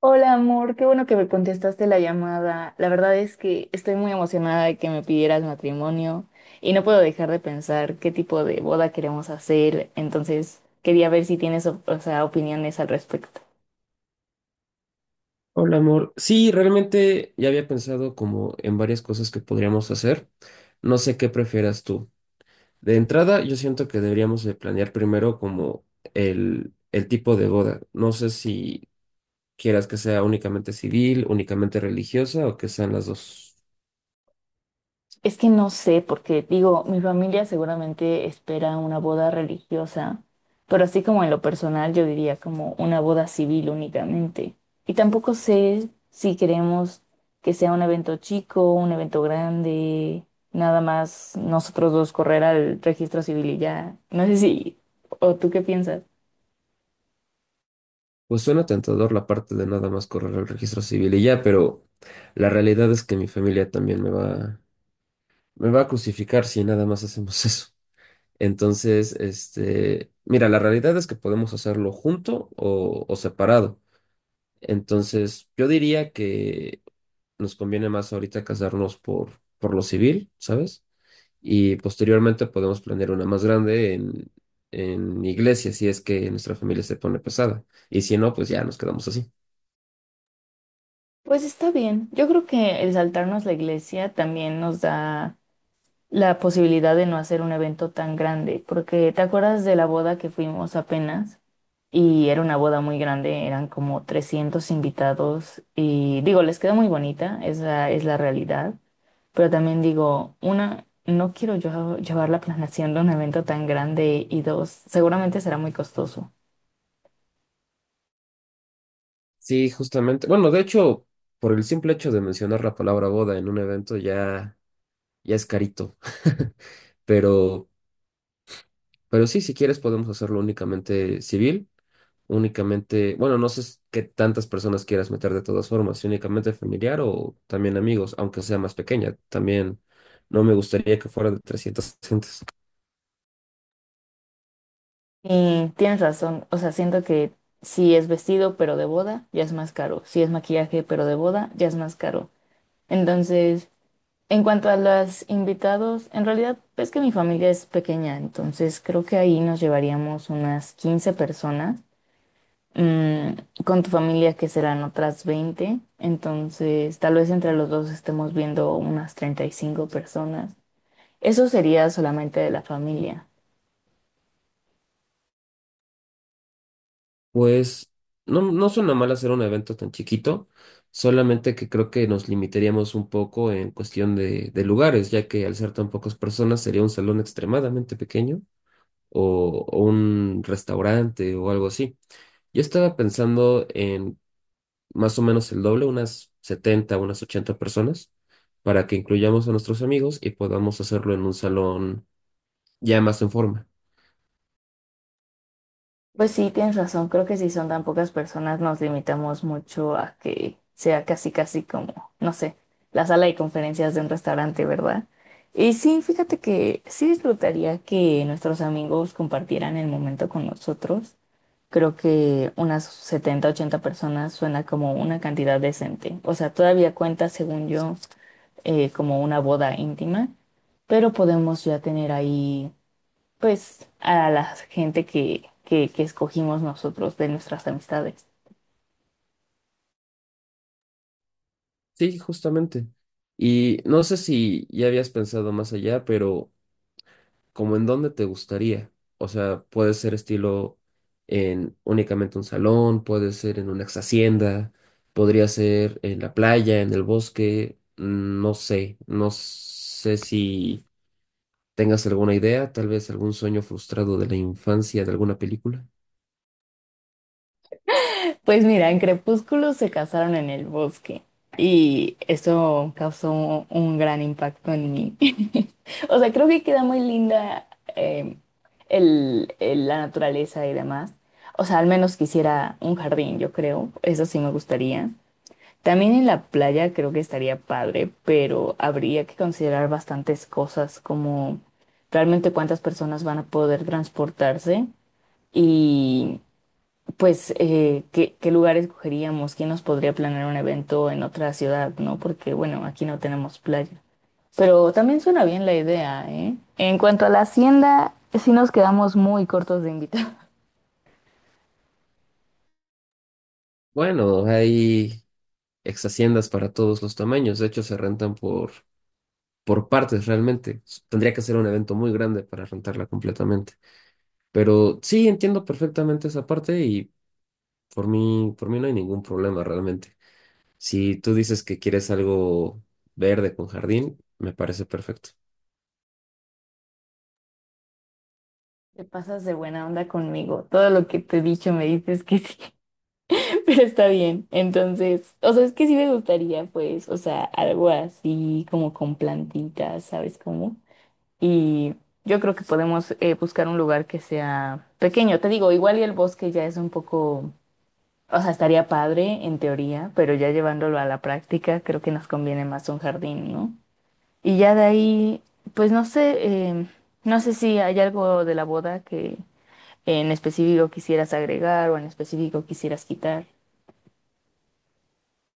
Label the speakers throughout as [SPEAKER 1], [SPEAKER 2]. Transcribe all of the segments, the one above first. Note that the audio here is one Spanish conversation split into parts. [SPEAKER 1] Hola amor, qué bueno que me contestaste la llamada. La verdad es que estoy muy emocionada de que me pidieras matrimonio y no puedo dejar de pensar qué tipo de boda queremos hacer. Entonces, quería ver si tienes, o sea, opiniones al respecto.
[SPEAKER 2] Hola, amor. Sí, realmente ya había pensado como en varias cosas que podríamos hacer. No sé qué prefieras tú. De entrada, yo siento que deberíamos de planear primero como el tipo de boda. No sé si quieras que sea únicamente civil, únicamente religiosa o que sean las dos.
[SPEAKER 1] Es que no sé, porque digo, mi familia seguramente espera una boda religiosa, pero así como en lo personal yo diría como una boda civil únicamente. Y tampoco sé si queremos que sea un evento chico, un evento grande, nada más nosotros dos correr al registro civil y ya. No sé si, o tú qué piensas.
[SPEAKER 2] Pues suena tentador la parte de nada más correr el registro civil y ya, pero la realidad es que mi familia también me va a crucificar si nada más hacemos eso. Entonces, mira, la realidad es que podemos hacerlo junto o separado. Entonces, yo diría que nos conviene más ahorita casarnos por lo civil, ¿sabes? Y posteriormente podemos planear una más grande en iglesia, si es que nuestra familia se pone pesada. Y si no, pues ya nos quedamos así.
[SPEAKER 1] Pues está bien, yo creo que el saltarnos la iglesia también nos da la posibilidad de no hacer un evento tan grande, porque ¿te acuerdas de la boda que fuimos apenas? Y era una boda muy grande, eran como 300 invitados y digo, les quedó muy bonita, esa es la realidad, pero también digo, una, no quiero yo llevar la planeación de un evento tan grande y dos, seguramente será muy costoso.
[SPEAKER 2] Sí, justamente. Bueno, de hecho, por el simple hecho de mencionar la palabra boda en un evento ya es carito. Pero Pero sí, si quieres podemos hacerlo únicamente civil, únicamente, bueno, no sé s- qué tantas personas quieras meter de todas formas, si únicamente familiar o también amigos, aunque sea más pequeña. También no me gustaría que fuera de 300 gentes.
[SPEAKER 1] Y tienes razón, o sea, siento que si es vestido pero de boda, ya es más caro, si es maquillaje pero de boda, ya es más caro. Entonces, en cuanto a los invitados, en realidad es que mi familia es pequeña, entonces creo que ahí nos llevaríamos unas 15 personas. Mm, con tu familia que serán otras 20, entonces tal vez entre los dos estemos viendo unas 35 personas. Eso sería solamente de la familia.
[SPEAKER 2] Pues no suena mal hacer un evento tan chiquito, solamente que creo que nos limitaríamos un poco en cuestión de lugares, ya que al ser tan pocas personas sería un salón extremadamente pequeño o un restaurante o algo así. Yo estaba pensando en más o menos el doble, unas 70 unas 80 personas, para que incluyamos a nuestros amigos y podamos hacerlo en un salón ya más en forma.
[SPEAKER 1] Pues sí, tienes razón, creo que si son tan pocas personas nos limitamos mucho a que sea casi casi como, no sé, la sala de conferencias de un restaurante, ¿verdad? Y sí, fíjate que sí disfrutaría que nuestros amigos compartieran el momento con nosotros. Creo que unas 70, 80 personas suena como una cantidad decente. O sea, todavía cuenta, según yo, como una boda íntima, pero podemos ya tener ahí pues a la gente que escogimos nosotros de nuestras amistades.
[SPEAKER 2] Sí, justamente. Y no sé si ya habías pensado más allá, pero como en dónde te gustaría. O sea, puede ser estilo en únicamente un salón, puede ser en una ex hacienda, podría ser en la playa, en el bosque, no sé, no sé si ¿Tengas alguna idea? Tal vez algún sueño frustrado de la infancia de alguna película.
[SPEAKER 1] Pues mira, en Crepúsculo se casaron en el bosque y eso causó un gran impacto en mí. O sea, creo que queda muy linda eh, la naturaleza y demás. O sea, al menos quisiera un jardín, yo creo. Eso sí me gustaría. También en la playa creo que estaría padre, pero habría que considerar bastantes cosas como realmente cuántas personas van a poder transportarse y pues qué lugar escogeríamos, quién nos podría planear un evento en otra ciudad, ¿no? Porque bueno, aquí no tenemos playa. Pero también suena bien la idea, ¿eh? En cuanto a la hacienda, sí nos quedamos muy cortos de invitados.
[SPEAKER 2] Bueno, hay ex haciendas para todos los tamaños. De hecho, se rentan por partes realmente. Tendría que ser un evento muy grande para rentarla completamente. Pero sí, entiendo perfectamente esa parte y por mí no hay ningún problema realmente. Si tú dices que quieres algo verde con jardín, me parece perfecto.
[SPEAKER 1] Te pasas de buena onda conmigo. Todo lo que te he dicho me dices que sí. Pero está bien. Entonces, o sea, es que sí me gustaría, pues, o sea, algo así como con plantitas, ¿sabes cómo? Y yo creo que podemos buscar un lugar que sea pequeño. Te digo, igual y el bosque ya es un poco, o sea, estaría padre en teoría, pero ya llevándolo a la práctica, creo que nos conviene más un jardín, ¿no? Y ya de ahí, pues no sé, no sé si hay algo de la boda que en específico quisieras agregar o en específico quisieras quitar.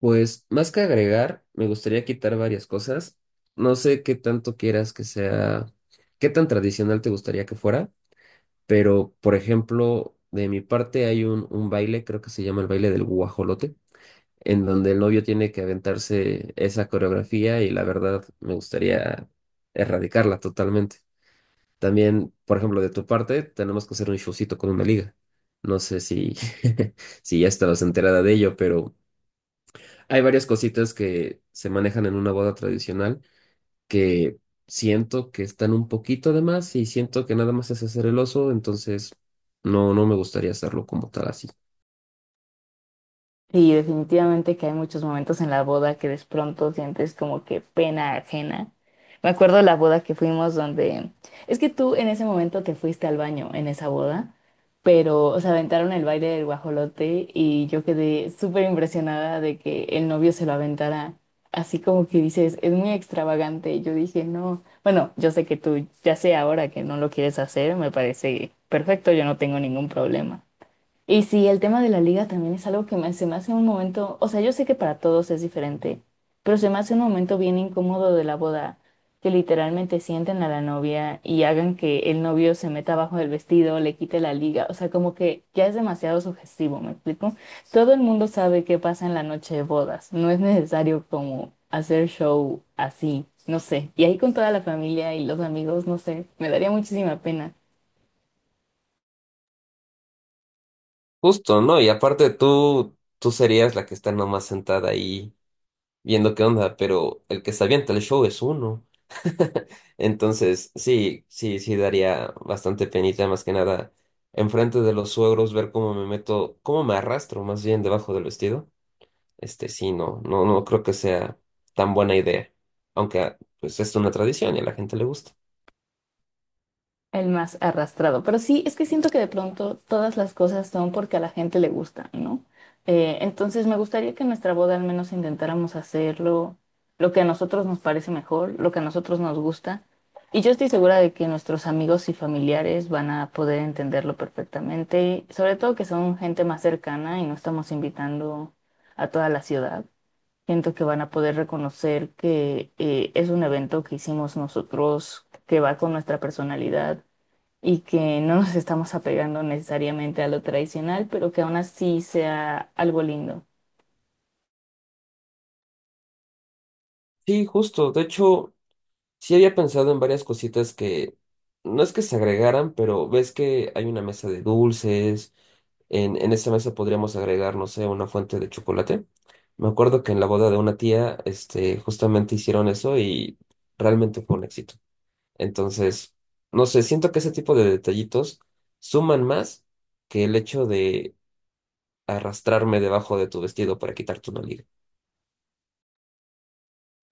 [SPEAKER 2] Pues más que agregar, me gustaría quitar varias cosas. No sé qué tanto quieras que sea, qué tan tradicional te gustaría que fuera, pero por ejemplo, de mi parte hay un baile, creo que se llama el baile del guajolote, en donde el novio tiene que aventarse esa coreografía y la verdad me gustaría erradicarla totalmente. También, por ejemplo, de tu parte, tenemos que hacer un showcito con una liga. No sé si, si ya estabas enterada de ello, pero… Hay varias cositas que se manejan en una boda tradicional que siento que están un poquito de más y siento que nada más es hacer el oso, entonces no me gustaría hacerlo como tal así.
[SPEAKER 1] Sí, definitivamente que hay muchos momentos en la boda que de pronto sientes como que pena ajena. Me acuerdo de la boda que fuimos donde… Es que tú en ese momento te fuiste al baño en esa boda, pero se aventaron el baile del guajolote y yo quedé súper impresionada de que el novio se lo aventara. Así como que dices, es muy extravagante. Yo dije, no, bueno, yo sé que tú ya sé ahora que no lo quieres hacer, me parece perfecto, yo no tengo ningún problema. Y sí, el tema de la liga también es algo que se me hace un momento, o sea, yo sé que para todos es diferente, pero se me hace un momento bien incómodo de la boda, que literalmente sienten a la novia y hagan que el novio se meta abajo del vestido, le quite la liga, o sea, como que ya es demasiado sugestivo, ¿me explico? Todo el mundo sabe qué pasa en la noche de bodas, no es necesario como hacer show así, no sé, y ahí con toda la familia y los amigos, no sé, me daría muchísima pena.
[SPEAKER 2] Justo, ¿no? Y aparte tú serías la que está nomás sentada ahí viendo qué onda, pero el que se avienta el show es uno. Entonces, sí, sí, sí daría bastante penita, más que nada, enfrente de los suegros, ver cómo me meto, cómo me arrastro más bien debajo del vestido. Este sí, no, no, no creo que sea tan buena idea. Aunque ah, pues es una tradición y a la gente le gusta.
[SPEAKER 1] El más arrastrado. Pero sí, es que siento que de pronto todas las cosas son porque a la gente le gusta, ¿no? Entonces me gustaría que en nuestra boda al menos intentáramos hacerlo, lo que a nosotros nos parece mejor, lo que a nosotros nos gusta. Y yo estoy segura de que nuestros amigos y familiares van a poder entenderlo perfectamente, sobre todo que son gente más cercana y no estamos invitando a toda la ciudad. Siento que van a poder reconocer que es un evento que hicimos nosotros, que va con nuestra personalidad y que no nos estamos apegando necesariamente a lo tradicional, pero que aún así sea algo lindo.
[SPEAKER 2] Sí, justo. De hecho, sí había pensado en varias cositas que no es que se agregaran, pero ves que hay una mesa de dulces. En esa mesa podríamos agregar, no sé, una fuente de chocolate. Me acuerdo que en la boda de una tía, justamente hicieron eso y realmente fue un éxito. Entonces, no sé, siento que ese tipo de detallitos suman más que el hecho de arrastrarme debajo de tu vestido para quitarte una liga.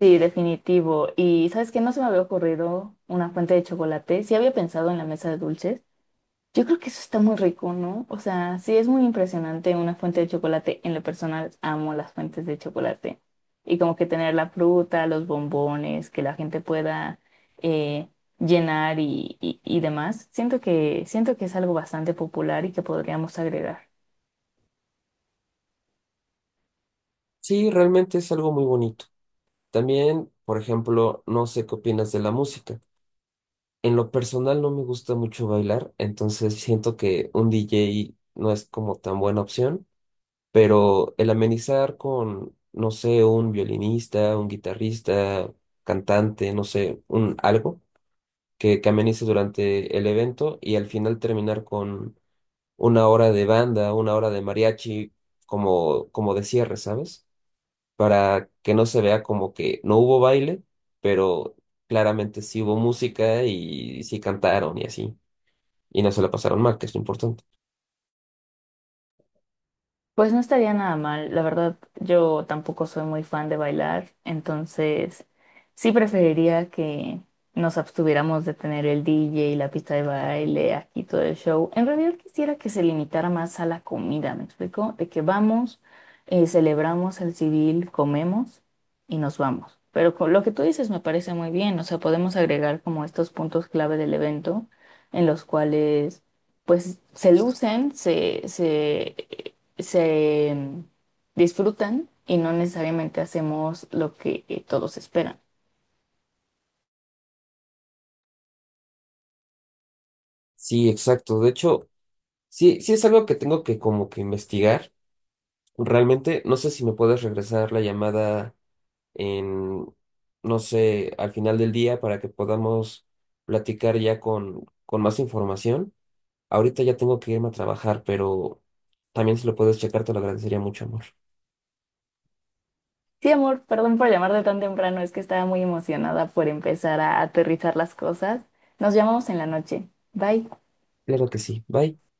[SPEAKER 1] Sí, definitivo. Y sabes que no se me había ocurrido una fuente de chocolate. Sí había pensado en la mesa de dulces. Yo creo que eso está muy rico, ¿no? O sea, sí es muy impresionante una fuente de chocolate. En lo personal, amo las fuentes de chocolate. Y como que tener la fruta, los bombones, que la gente pueda eh, llenar y demás. Siento que es algo bastante popular y que podríamos agregar.
[SPEAKER 2] Sí, realmente es algo muy bonito. También, por ejemplo, no sé qué opinas de la música. En lo personal no me gusta mucho bailar, entonces siento que un DJ no es como tan buena opción, pero el amenizar con, no sé, un violinista, un guitarrista, cantante, no sé, un algo que amenice durante el evento y al final terminar con una hora de banda, una hora de mariachi, como de cierre, ¿sabes? Para que no se vea como que no hubo baile, pero claramente sí hubo música y sí cantaron y así. Y no se la pasaron mal, que es lo importante.
[SPEAKER 1] Pues no estaría nada mal, la verdad yo tampoco soy muy fan de bailar, entonces sí preferiría que nos abstuviéramos de tener el DJ y la pista de baile aquí todo el show. En realidad quisiera que se limitara más a la comida, ¿me explico? De que vamos, celebramos el civil, comemos y nos vamos. Pero con lo que tú dices me parece muy bien, o sea, podemos agregar como estos puntos clave del evento en los cuales pues se lucen, se mm, disfrutan y no necesariamente hacemos lo que todos esperan.
[SPEAKER 2] Sí, exacto. De hecho, sí, sí es algo que tengo que como que investigar. Realmente, no sé si me puedes regresar la llamada en, no sé, al final del día para que podamos platicar ya con más información. Ahorita ya tengo que irme a trabajar, pero también si lo puedes checar, te lo agradecería mucho, amor.
[SPEAKER 1] Sí, amor, perdón por llamarte tan temprano, es que estaba muy emocionada por empezar a aterrizar las cosas. Nos llamamos en la noche. Bye.
[SPEAKER 2] Claro que sí. Bye.